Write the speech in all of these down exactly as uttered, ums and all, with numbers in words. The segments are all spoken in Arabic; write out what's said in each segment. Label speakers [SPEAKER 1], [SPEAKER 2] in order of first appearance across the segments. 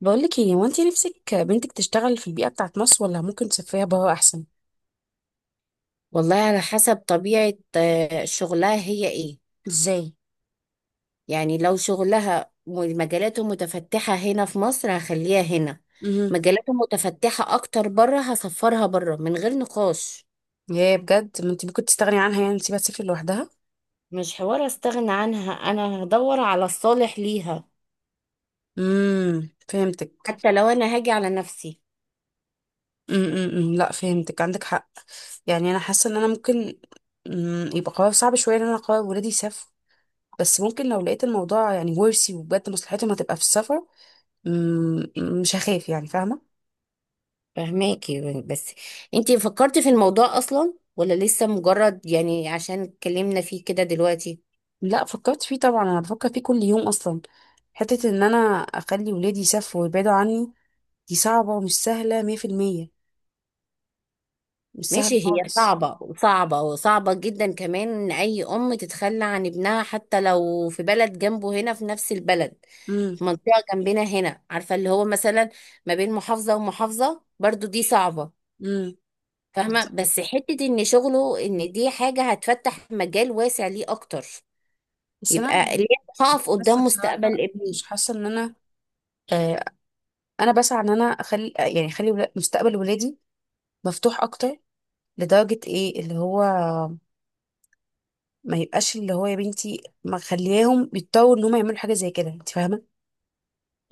[SPEAKER 1] بقولك ايه، هو انت نفسك بنتك تشتغل في البيئة بتاعت مصر ولا ممكن تسافريها برا احسن؟
[SPEAKER 2] والله على حسب طبيعة آه، شغلها هي ايه.
[SPEAKER 1] ازاي؟
[SPEAKER 2] يعني لو شغلها م- مجالاته متفتحة هنا في مصر، هخليها هنا.
[SPEAKER 1] امم.
[SPEAKER 2] مجالاته متفتحة اكتر بره، هسفرها بره من غير نقاش.
[SPEAKER 1] يا بجد، ما انت ممكن تستغني عنها، يعني تسيبها تسافر لوحدها؟
[SPEAKER 2] مش حوار استغنى عنها، انا هدور على الصالح ليها.
[SPEAKER 1] امم، فهمتك.
[SPEAKER 2] حتى لو انا هاجي على نفسي.
[SPEAKER 1] امم، لا، فهمتك، عندك حق. يعني انا حاسة ان انا ممكن. مم، يبقى قرار صعب شوية ان انا اقرر ولادي يسافروا، بس ممكن لو لقيت الموضوع يعني ورثي وبجد مصلحتهم هتبقى في السفر. مم. مش هخاف، يعني فاهمة.
[SPEAKER 2] فهماكي بس. انتي فكرتي في الموضوع اصلا ولا لسه مجرد، يعني عشان اتكلمنا فيه كده دلوقتي؟
[SPEAKER 1] لا، فكرت فيه طبعا، انا بفكر فيه كل يوم اصلا. حتة ان انا اخلي ولادي يسافروا ويبعدوا عني، دي صعبة ومش سهلة مية في المية. مش سهلة
[SPEAKER 2] ماشي، هي
[SPEAKER 1] خالص.
[SPEAKER 2] صعبة وصعبة وصعبة جدا كمان، إن أي أم تتخلى عن ابنها حتى لو في بلد جنبه هنا في نفس البلد.
[SPEAKER 1] امم.
[SPEAKER 2] في منطقة جنبنا هنا، عارفة، اللي هو مثلا ما بين محافظة ومحافظة، برضو دي صعبة.
[SPEAKER 1] امم.
[SPEAKER 2] فاهمة،
[SPEAKER 1] بالظبط.
[SPEAKER 2] بس حتة إن شغله، إن دي حاجة هتفتح مجال واسع ليه أكتر.
[SPEAKER 1] بس أنا
[SPEAKER 2] يبقى ليه؟ هقف
[SPEAKER 1] حاسة
[SPEAKER 2] قدام
[SPEAKER 1] بصراحة،
[SPEAKER 2] مستقبل ابني؟
[SPEAKER 1] مش حاسة إن أنا، آه أنا بسعى إن أنا أخلي، يعني أخلي ولا- مستقبل ولادي مفتوح أكتر، لدرجة إيه اللي هو ما يبقاش، اللي هو يا بنتي ما خليهم يضطروا إن هم يعملوا حاجة زي كده، أنت فاهمة؟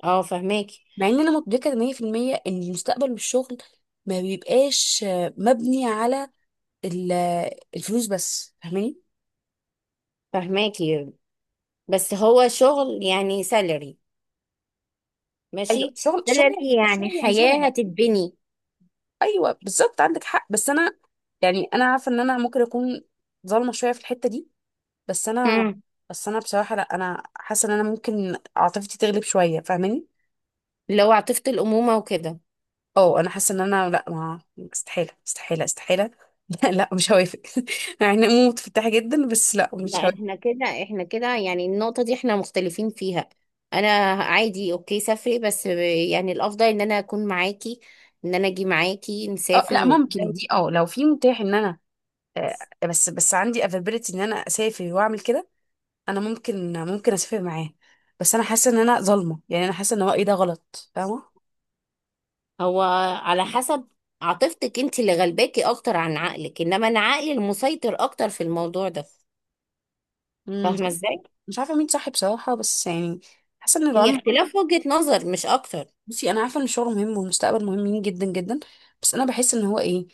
[SPEAKER 2] اه، فهماكي
[SPEAKER 1] مع إن أنا مدركة مية في المية إن المستقبل والشغل ما بيبقاش آه، مبني على ال- الفلوس بس، فاهماني؟
[SPEAKER 2] فهماكي، بس هو شغل يعني سالري.
[SPEAKER 1] ايوه،
[SPEAKER 2] ماشي.
[SPEAKER 1] الشغل الشغل
[SPEAKER 2] سالري
[SPEAKER 1] يعني،
[SPEAKER 2] يعني
[SPEAKER 1] الشغل يعني
[SPEAKER 2] حياة
[SPEAKER 1] سند.
[SPEAKER 2] هتتبني.
[SPEAKER 1] ايوه بالظبط، عندك حق، بس انا يعني انا عارفه ان انا ممكن اكون ظالمه شويه في الحته دي. بس انا،
[SPEAKER 2] مم.
[SPEAKER 1] بس انا بصراحه، لا، انا حاسه ان انا ممكن عاطفتي تغلب شويه، فاهماني.
[SPEAKER 2] اللي هو عاطفة الأمومة وكده.
[SPEAKER 1] اه، انا حاسه ان انا، لا، ما، استحاله استحاله استحاله. لا لا، مش هوافق. يعني أنا متفتحه جدا، بس لا، مش
[SPEAKER 2] لا،
[SPEAKER 1] هوافق.
[SPEAKER 2] احنا كده احنا كده، يعني النقطة دي احنا مختلفين فيها. انا عادي، اوكي، سافري بس. يعني الافضل ان انا اكون معاكي، ان انا اجي معاكي
[SPEAKER 1] اه
[SPEAKER 2] نسافر
[SPEAKER 1] لا،
[SPEAKER 2] و...
[SPEAKER 1] ممكن دي، اه لو في متاح ان انا، آه، بس بس عندي افابيلتي ان انا اسافر واعمل كده، انا ممكن ممكن اسافر معاه. بس انا حاسه ان انا ظالمه، يعني انا حاسه ان رايي ده غلط، فاهمه.
[SPEAKER 2] هو على حسب عاطفتك انت اللي غلباكي اكتر عن عقلك، انما انا عقلي المسيطر اكتر في الموضوع ده.
[SPEAKER 1] مم، مش
[SPEAKER 2] فاهمة
[SPEAKER 1] عارفة،
[SPEAKER 2] ازاي؟
[SPEAKER 1] مش عارفة مين صح بصراحة، بس يعني حاسة ان الرعاة
[SPEAKER 2] هي
[SPEAKER 1] مجرد-
[SPEAKER 2] اختلاف وجهة نظر مش اكتر.
[SPEAKER 1] بصي، انا عارفة ان الشغل مهم والمستقبل مهمين جدا جدا، بس انا بحس ان هو ايه،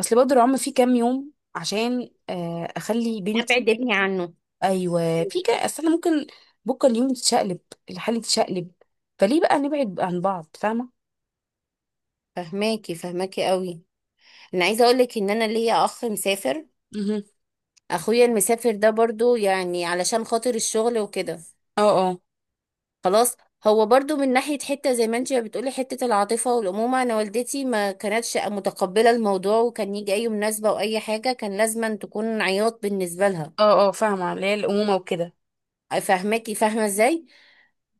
[SPEAKER 1] اصل برضه الرعاة في كام يوم عشان آه، اخلي بنتي،
[SPEAKER 2] ابعد ابني عنه.
[SPEAKER 1] ايوه في كام، اصل انا ممكن بكره اليوم تتشقلب، الحالة تتشقلب، فليه بقى نبعد عن بعض؟ فاهمة؟
[SPEAKER 2] فهماكي فهماكي قوي. انا عايزة اقولك ان انا ليا اخ مسافر.
[SPEAKER 1] مهم.
[SPEAKER 2] اخويا المسافر ده برضو، يعني علشان خاطر الشغل وكده.
[SPEAKER 1] اه اه.
[SPEAKER 2] خلاص. هو برضو من ناحية حتة، زي ما انت بتقولي، حتة العاطفة والأمومة. أنا والدتي ما كانتش متقبلة الموضوع، وكان يجي أي مناسبة أو أي حاجة كان لازما تكون عياط بالنسبة لها.
[SPEAKER 1] اه اه، فاهمة اللي هي الأمومة وكده.
[SPEAKER 2] فاهماكي، فاهمة ازاي؟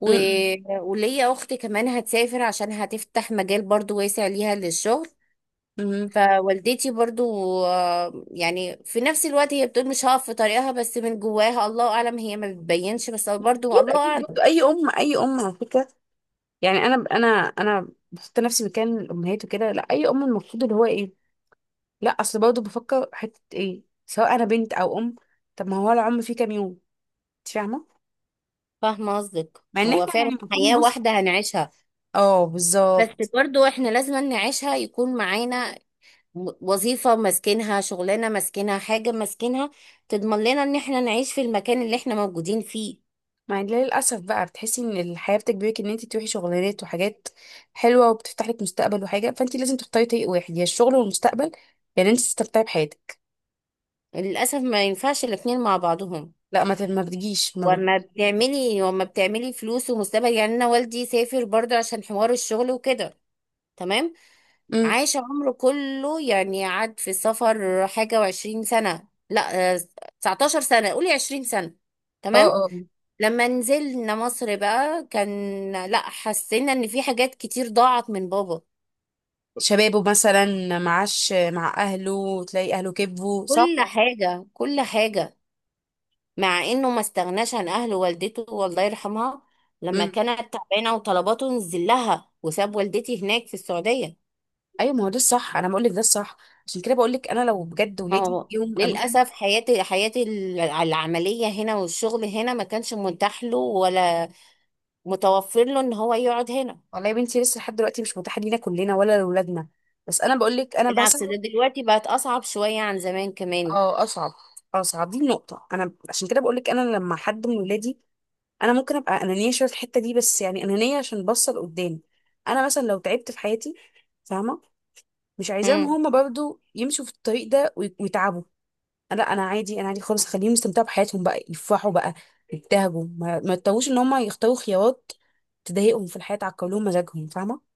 [SPEAKER 2] و...
[SPEAKER 1] امم.
[SPEAKER 2] وليا أخت كمان هتسافر عشان هتفتح مجال برضو واسع ليها للشغل.
[SPEAKER 1] امم.
[SPEAKER 2] فوالدتي برضو، آه، يعني في نفس الوقت هي بتقول مش هقف في طريقها، بس من جواها الله اعلم، هي ما بتبينش، بس برضو
[SPEAKER 1] اكيد
[SPEAKER 2] الله
[SPEAKER 1] اكيد، برضه
[SPEAKER 2] اعلم.
[SPEAKER 1] اي ام اي ام على فكرة. يعني انا انا انا بحط نفسي مكان الامهات وكده، لا اي ام المفروض اللي هو ايه، لا اصل برضه بفكر حته ايه، سواء انا بنت او ام، طب ما هو العمر فيه كام يوم، انت فاهمه،
[SPEAKER 2] فاهمه قصدك،
[SPEAKER 1] مع ان
[SPEAKER 2] هو
[SPEAKER 1] احنا
[SPEAKER 2] فعلا
[SPEAKER 1] يعني المفروض
[SPEAKER 2] حياه
[SPEAKER 1] نبص.
[SPEAKER 2] واحده هنعيشها.
[SPEAKER 1] اه
[SPEAKER 2] بس
[SPEAKER 1] بالظبط.
[SPEAKER 2] برضو احنا لازم نعيشها يكون معانا و- وظيفه ماسكينها، شغلانه ماسكينها، حاجه ماسكينها، تضمن لنا ان احنا نعيش في المكان اللي احنا موجودين فيه.
[SPEAKER 1] مع ان للاسف بقى بتحسي ان الحياه بتجبرك ان انت تروحي شغلانات وحاجات حلوه وبتفتح لك مستقبل وحاجه، فانت لازم تختاري طريق واحد، يا الشغل والمستقبل، يعني انت تستمتعي بحياتك.
[SPEAKER 2] للاسف ما ينفعش الاتنين مع بعضهم.
[SPEAKER 1] لا، ما ت- ما بتجيش، ما بت...
[SPEAKER 2] وما بتعملي وما بتعملي فلوس ومستقبل. يعني انا والدي سافر برضو عشان حوار الشغل وكده. تمام.
[SPEAKER 1] مم.
[SPEAKER 2] عاش عمره كله، يعني قعد في السفر حاجة وعشرين سنة. لا، آه، تسعتاشر سنة، قولي عشرين سنة.
[SPEAKER 1] اه
[SPEAKER 2] تمام.
[SPEAKER 1] اه.
[SPEAKER 2] لما نزلنا مصر بقى كان، لا، حسينا ان في حاجات كتير ضاعت من بابا.
[SPEAKER 1] شبابه مثلا، معاش مع اهله، تلاقي اهله كبوا، صح.
[SPEAKER 2] كل حاجة، كل حاجة. مع انه ما استغناش عن اهله، والدته والله يرحمها لما
[SPEAKER 1] امم.
[SPEAKER 2] كانت تعبانة وطلباته نزل لها، وساب والدتي هناك في السعودية.
[SPEAKER 1] ايوه، ما هو ده الصح، انا بقول لك ده الصح. عشان كده بقول لك، انا لو بجد
[SPEAKER 2] ما
[SPEAKER 1] ولادي
[SPEAKER 2] هو
[SPEAKER 1] يوم قالوا لي.
[SPEAKER 2] للأسف حياتي حياتي ال- العملية هنا، والشغل هنا ما كانش متاح له ولا متوفر له إن هو يقعد هنا.
[SPEAKER 1] والله يا بنتي، لسه لحد دلوقتي مش متاحه لينا كلنا ولا لاولادنا، بس انا بقول لك انا بسعى.
[SPEAKER 2] بالعكس، ده دلوقتي بقت أصعب شوية عن زمان كمان.
[SPEAKER 1] اه اصعب. اصعب، دي النقطه. انا عشان كده بقول لك، انا لما حد من ولادي، انا ممكن ابقى انانيه شويه في الحته دي، بس يعني انانيه عشان بصل قدام. انا مثلا لو تعبت في حياتي، فاهمه، مش عايزاهم
[SPEAKER 2] امم
[SPEAKER 1] هما برضو يمشوا في الطريق ده ويتعبوا، لا انا عادي، انا عادي خالص، خليهم يستمتعوا بحياتهم بقى، يفرحوا بقى، يبتهجوا، ما, ما يضطروش ان هم يختاروا خيارات تضايقهم في الحياه، تعكر لهم مزاجهم، فاهمه.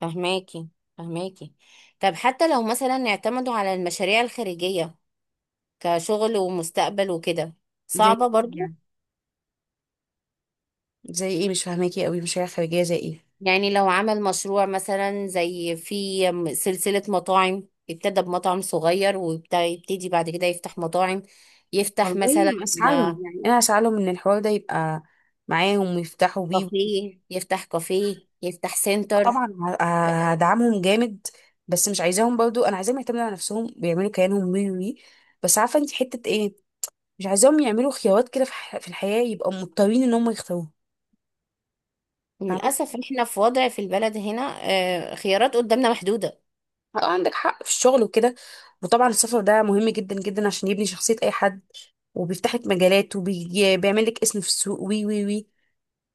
[SPEAKER 2] فهماكي فهماكي. طب، حتى لو مثلا اعتمدوا على المشاريع الخارجية كشغل ومستقبل وكده.
[SPEAKER 1] زي
[SPEAKER 2] صعبة
[SPEAKER 1] ايه
[SPEAKER 2] برضو.
[SPEAKER 1] يعني؟ زي ايه؟ مش فاهماكي قوي، مشاريع خارجيه زي ايه؟
[SPEAKER 2] يعني لو عمل مشروع مثلا، زي في سلسلة مطاعم، ابتدى بمطعم صغير ويبتدي بعد كده يفتح مطاعم، يفتح
[SPEAKER 1] والله
[SPEAKER 2] مثلا
[SPEAKER 1] ما اسعالهم، يعني انا اسعالهم ان الحوار ده يبقى معاهم ويفتحوا بيه.
[SPEAKER 2] كافيه، يفتح كافيه، يفتح سنتر.
[SPEAKER 1] طبعا، ه- هدعمهم جامد، بس مش عايزاهم برضو، انا عايزاهم يعتمدوا على نفسهم ويعملوا كيانهم وي وي، بس عارفه انت حته ايه، مش عايزاهم يعملوا خيارات كده في, ح- في الحياه يبقوا مضطرين ان هم يختاروها، فاهمه.
[SPEAKER 2] للأسف احنا في وضع في البلد هنا، آه، خيارات قدامنا محدودة.
[SPEAKER 1] اه عندك حق في الشغل وكده، وطبعا السفر ده مهم جدا جدا عشان يبني شخصية أي حد، وبيفتح لك مجالات وبيعمل لك اسم في السوق وي وي وي،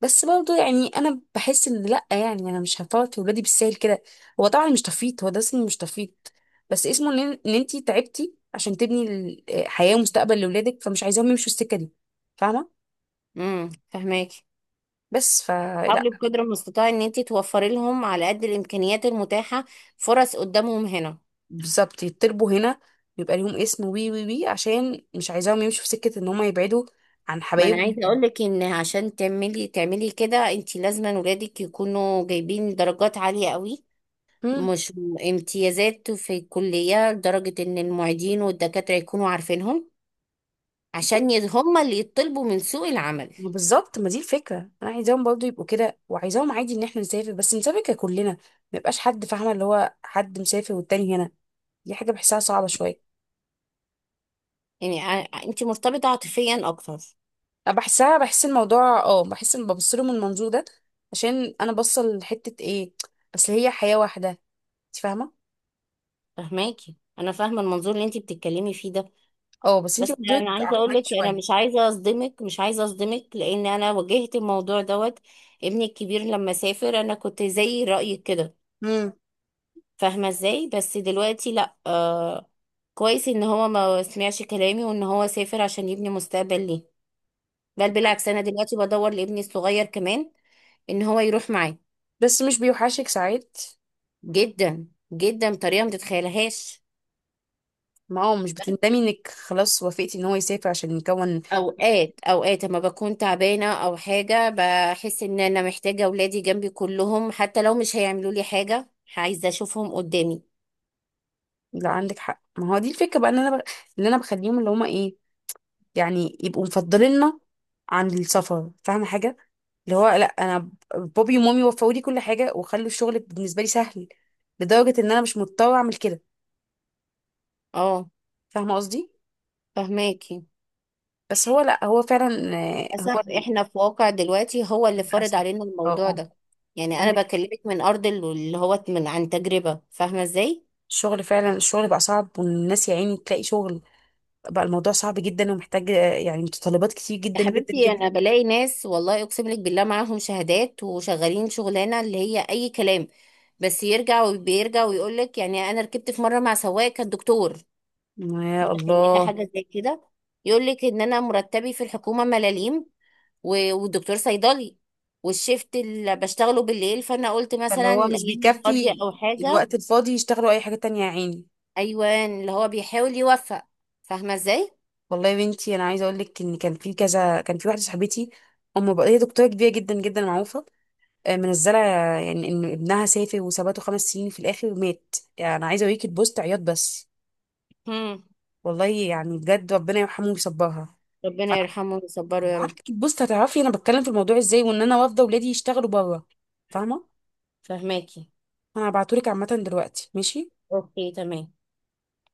[SPEAKER 1] بس برضه يعني أنا بحس إن لأ، يعني أنا مش هفوت في ولادي بالسهل كده. هو طبعا مش تفيت، هو ده اسمه مش تفيت، بس اسمه إن إن أنتي تعبتي عشان تبني ال- آه، حياة ومستقبل لأولادك، فمش عايزاهم يمشوا السكة دي، فاهمة؟
[SPEAKER 2] امم فهماكي.
[SPEAKER 1] بس فلأ.
[SPEAKER 2] حاولي بقدر المستطاع ان انت توفري لهم على قد الامكانيات المتاحة فرص قدامهم هنا.
[SPEAKER 1] بالظبط، يتربوا هنا، يبقى ليهم اسم وي وي وي، عشان مش عايزاهم يمشوا في سكة إن هما يبعدوا عن
[SPEAKER 2] ما انا
[SPEAKER 1] حبايبهم.
[SPEAKER 2] عايزه اقول لك ان عشان تعملي تعملي كده، انت لازم ولادك يكونوا جايبين درجات عاليه قوي، مش امتيازات في الكليه، لدرجه ان المعيدين والدكاتره يكونوا عارفينهم، عشان ي- هم اللي يطلبوا من سوق العمل.
[SPEAKER 1] ما بالظبط، ما دي الفكره، انا عايزاهم برضو يبقوا كده، وعايزاهم عادي ان احنا نسافر، بس نسافر ككلنا، ما يبقاش حد، فاهمه، اللي هو حد مسافر والتاني هنا، دي حاجه بحسها صعبه شويه.
[SPEAKER 2] يعني ع- انت مرتبطه عاطفيا اكتر.
[SPEAKER 1] انا بحسها، بحس الموضوع، اه بحس ان ببص له من المنظور ده، عشان انا بصل لحته ايه، اصل هي حياه واحده، انت فاهمه.
[SPEAKER 2] فهماكي، انا فاهمه المنظور اللي انت بتتكلمي فيه ده.
[SPEAKER 1] اه بس انت
[SPEAKER 2] بس
[SPEAKER 1] منظورك
[SPEAKER 2] انا عايزه اقول
[SPEAKER 1] عقلاني
[SPEAKER 2] لك، انا
[SPEAKER 1] شويه.
[SPEAKER 2] مش عايزه اصدمك، مش عايزه اصدمك، لان انا واجهت الموضوع دوت. ابني الكبير لما سافر، انا كنت زي رايك كده.
[SPEAKER 1] امم.
[SPEAKER 2] فاهمة ازاي؟ بس دلوقتي لا، آه كويس ان هو ما سمعش كلامي وان هو سافر عشان يبني مستقبل ليه. بل بالعكس، انا دلوقتي بدور لابني الصغير كمان ان هو يروح معاه.
[SPEAKER 1] بس مش بيوحشك ساعات؟
[SPEAKER 2] جدا، جدا بطريقة ما تتخيلهاش.
[SPEAKER 1] ما هو مش بتندمي انك خلاص وافقتي ان هو يسافر عشان يكون.
[SPEAKER 2] اوقات اوقات، اما بكون تعبانة او حاجة، بحس ان انا محتاجة اولادي جنبي كلهم حتى لو مش هيعملوا لي حاجة. عايزة اشوفهم قدامي.
[SPEAKER 1] لو عندك حق، ما هو دي الفكره بقى، ان انا بخ... اللي انا بخليهم، اللي هما ايه، يعني يبقوا مفضليننا عن السفر، فاهمة حاجة؟ اللي هو لا، انا ب- بابي ومامي وفقوا لي كل حاجة وخلوا الشغل بالنسبة لي سهل، لدرجة ان انا مش مضطرة اعمل كده،
[SPEAKER 2] اه،
[SPEAKER 1] فاهمة قصدي.
[SPEAKER 2] فهماكي.
[SPEAKER 1] بس هو لا، هو فعلا، آه، هو
[SPEAKER 2] للأسف
[SPEAKER 1] ال-
[SPEAKER 2] إحنا في واقع دلوقتي هو اللي فرض
[SPEAKER 1] للأسف.
[SPEAKER 2] علينا
[SPEAKER 1] اه
[SPEAKER 2] الموضوع
[SPEAKER 1] اه.
[SPEAKER 2] ده. يعني أنا
[SPEAKER 1] عندك
[SPEAKER 2] بكلمك من أرض ال- اللي هو من عن تجربة، فاهمة إزاي؟
[SPEAKER 1] الشغل فعلا، الشغل بقى صعب، والناس يا عيني تلاقي شغل، بقى الموضوع صعب جدا، ومحتاج آه، يعني متطلبات كتير
[SPEAKER 2] يا
[SPEAKER 1] جدا جدا
[SPEAKER 2] حبيبتي،
[SPEAKER 1] جدا.
[SPEAKER 2] أنا بلاقي ناس، والله أقسم لك بالله، معاهم شهادات وشغالين شغلانة اللي هي أي كلام. بس يرجع وبيرجع ويقول لك. يعني أنا ركبت في مرة مع سواق كان دكتور.
[SPEAKER 1] يا
[SPEAKER 2] متخيلة
[SPEAKER 1] الله،
[SPEAKER 2] حاجة زي كده؟ يقول لك إن أنا مرتبي في الحكومة ملاليم، و- والدكتور صيدلي، والشيفت اللي بشتغله بالليل، فانا قلت
[SPEAKER 1] فاللي
[SPEAKER 2] مثلا
[SPEAKER 1] هو مش
[SPEAKER 2] الايام الفاضيه
[SPEAKER 1] بيكفي،
[SPEAKER 2] او حاجه.
[SPEAKER 1] الوقت الفاضي يشتغلوا اي حاجة تانية يا عيني.
[SPEAKER 2] ايوان، اللي هو بيحاول يوفق. فاهمه ازاي؟
[SPEAKER 1] والله يا بنتي، انا عايزه اقول لك، ان كان في كذا، كان في واحده صاحبتي ام، بقى هي دكتوره كبيره جدا جدا معروفه، آه، منزله، يعني ان ابنها سافر وثبته خمس سنين، في الاخر مات، يعني انا عايزه اوريك البوست، عياط بس،
[SPEAKER 2] هم.
[SPEAKER 1] والله يعني بجد، ربنا يرحمه ويصبرها.
[SPEAKER 2] ربنا
[SPEAKER 1] انا
[SPEAKER 2] يرحمه ويصبره يا رب.
[SPEAKER 1] بعتلك البوست هتعرفي انا بتكلم في الموضوع ازاي، وان انا رافضه ولادي يشتغلوا بره، فاهمه.
[SPEAKER 2] فاهماكي.
[SPEAKER 1] انا هبعتهولك، عامه دلوقتي ماشي.
[SPEAKER 2] اوكي تمام.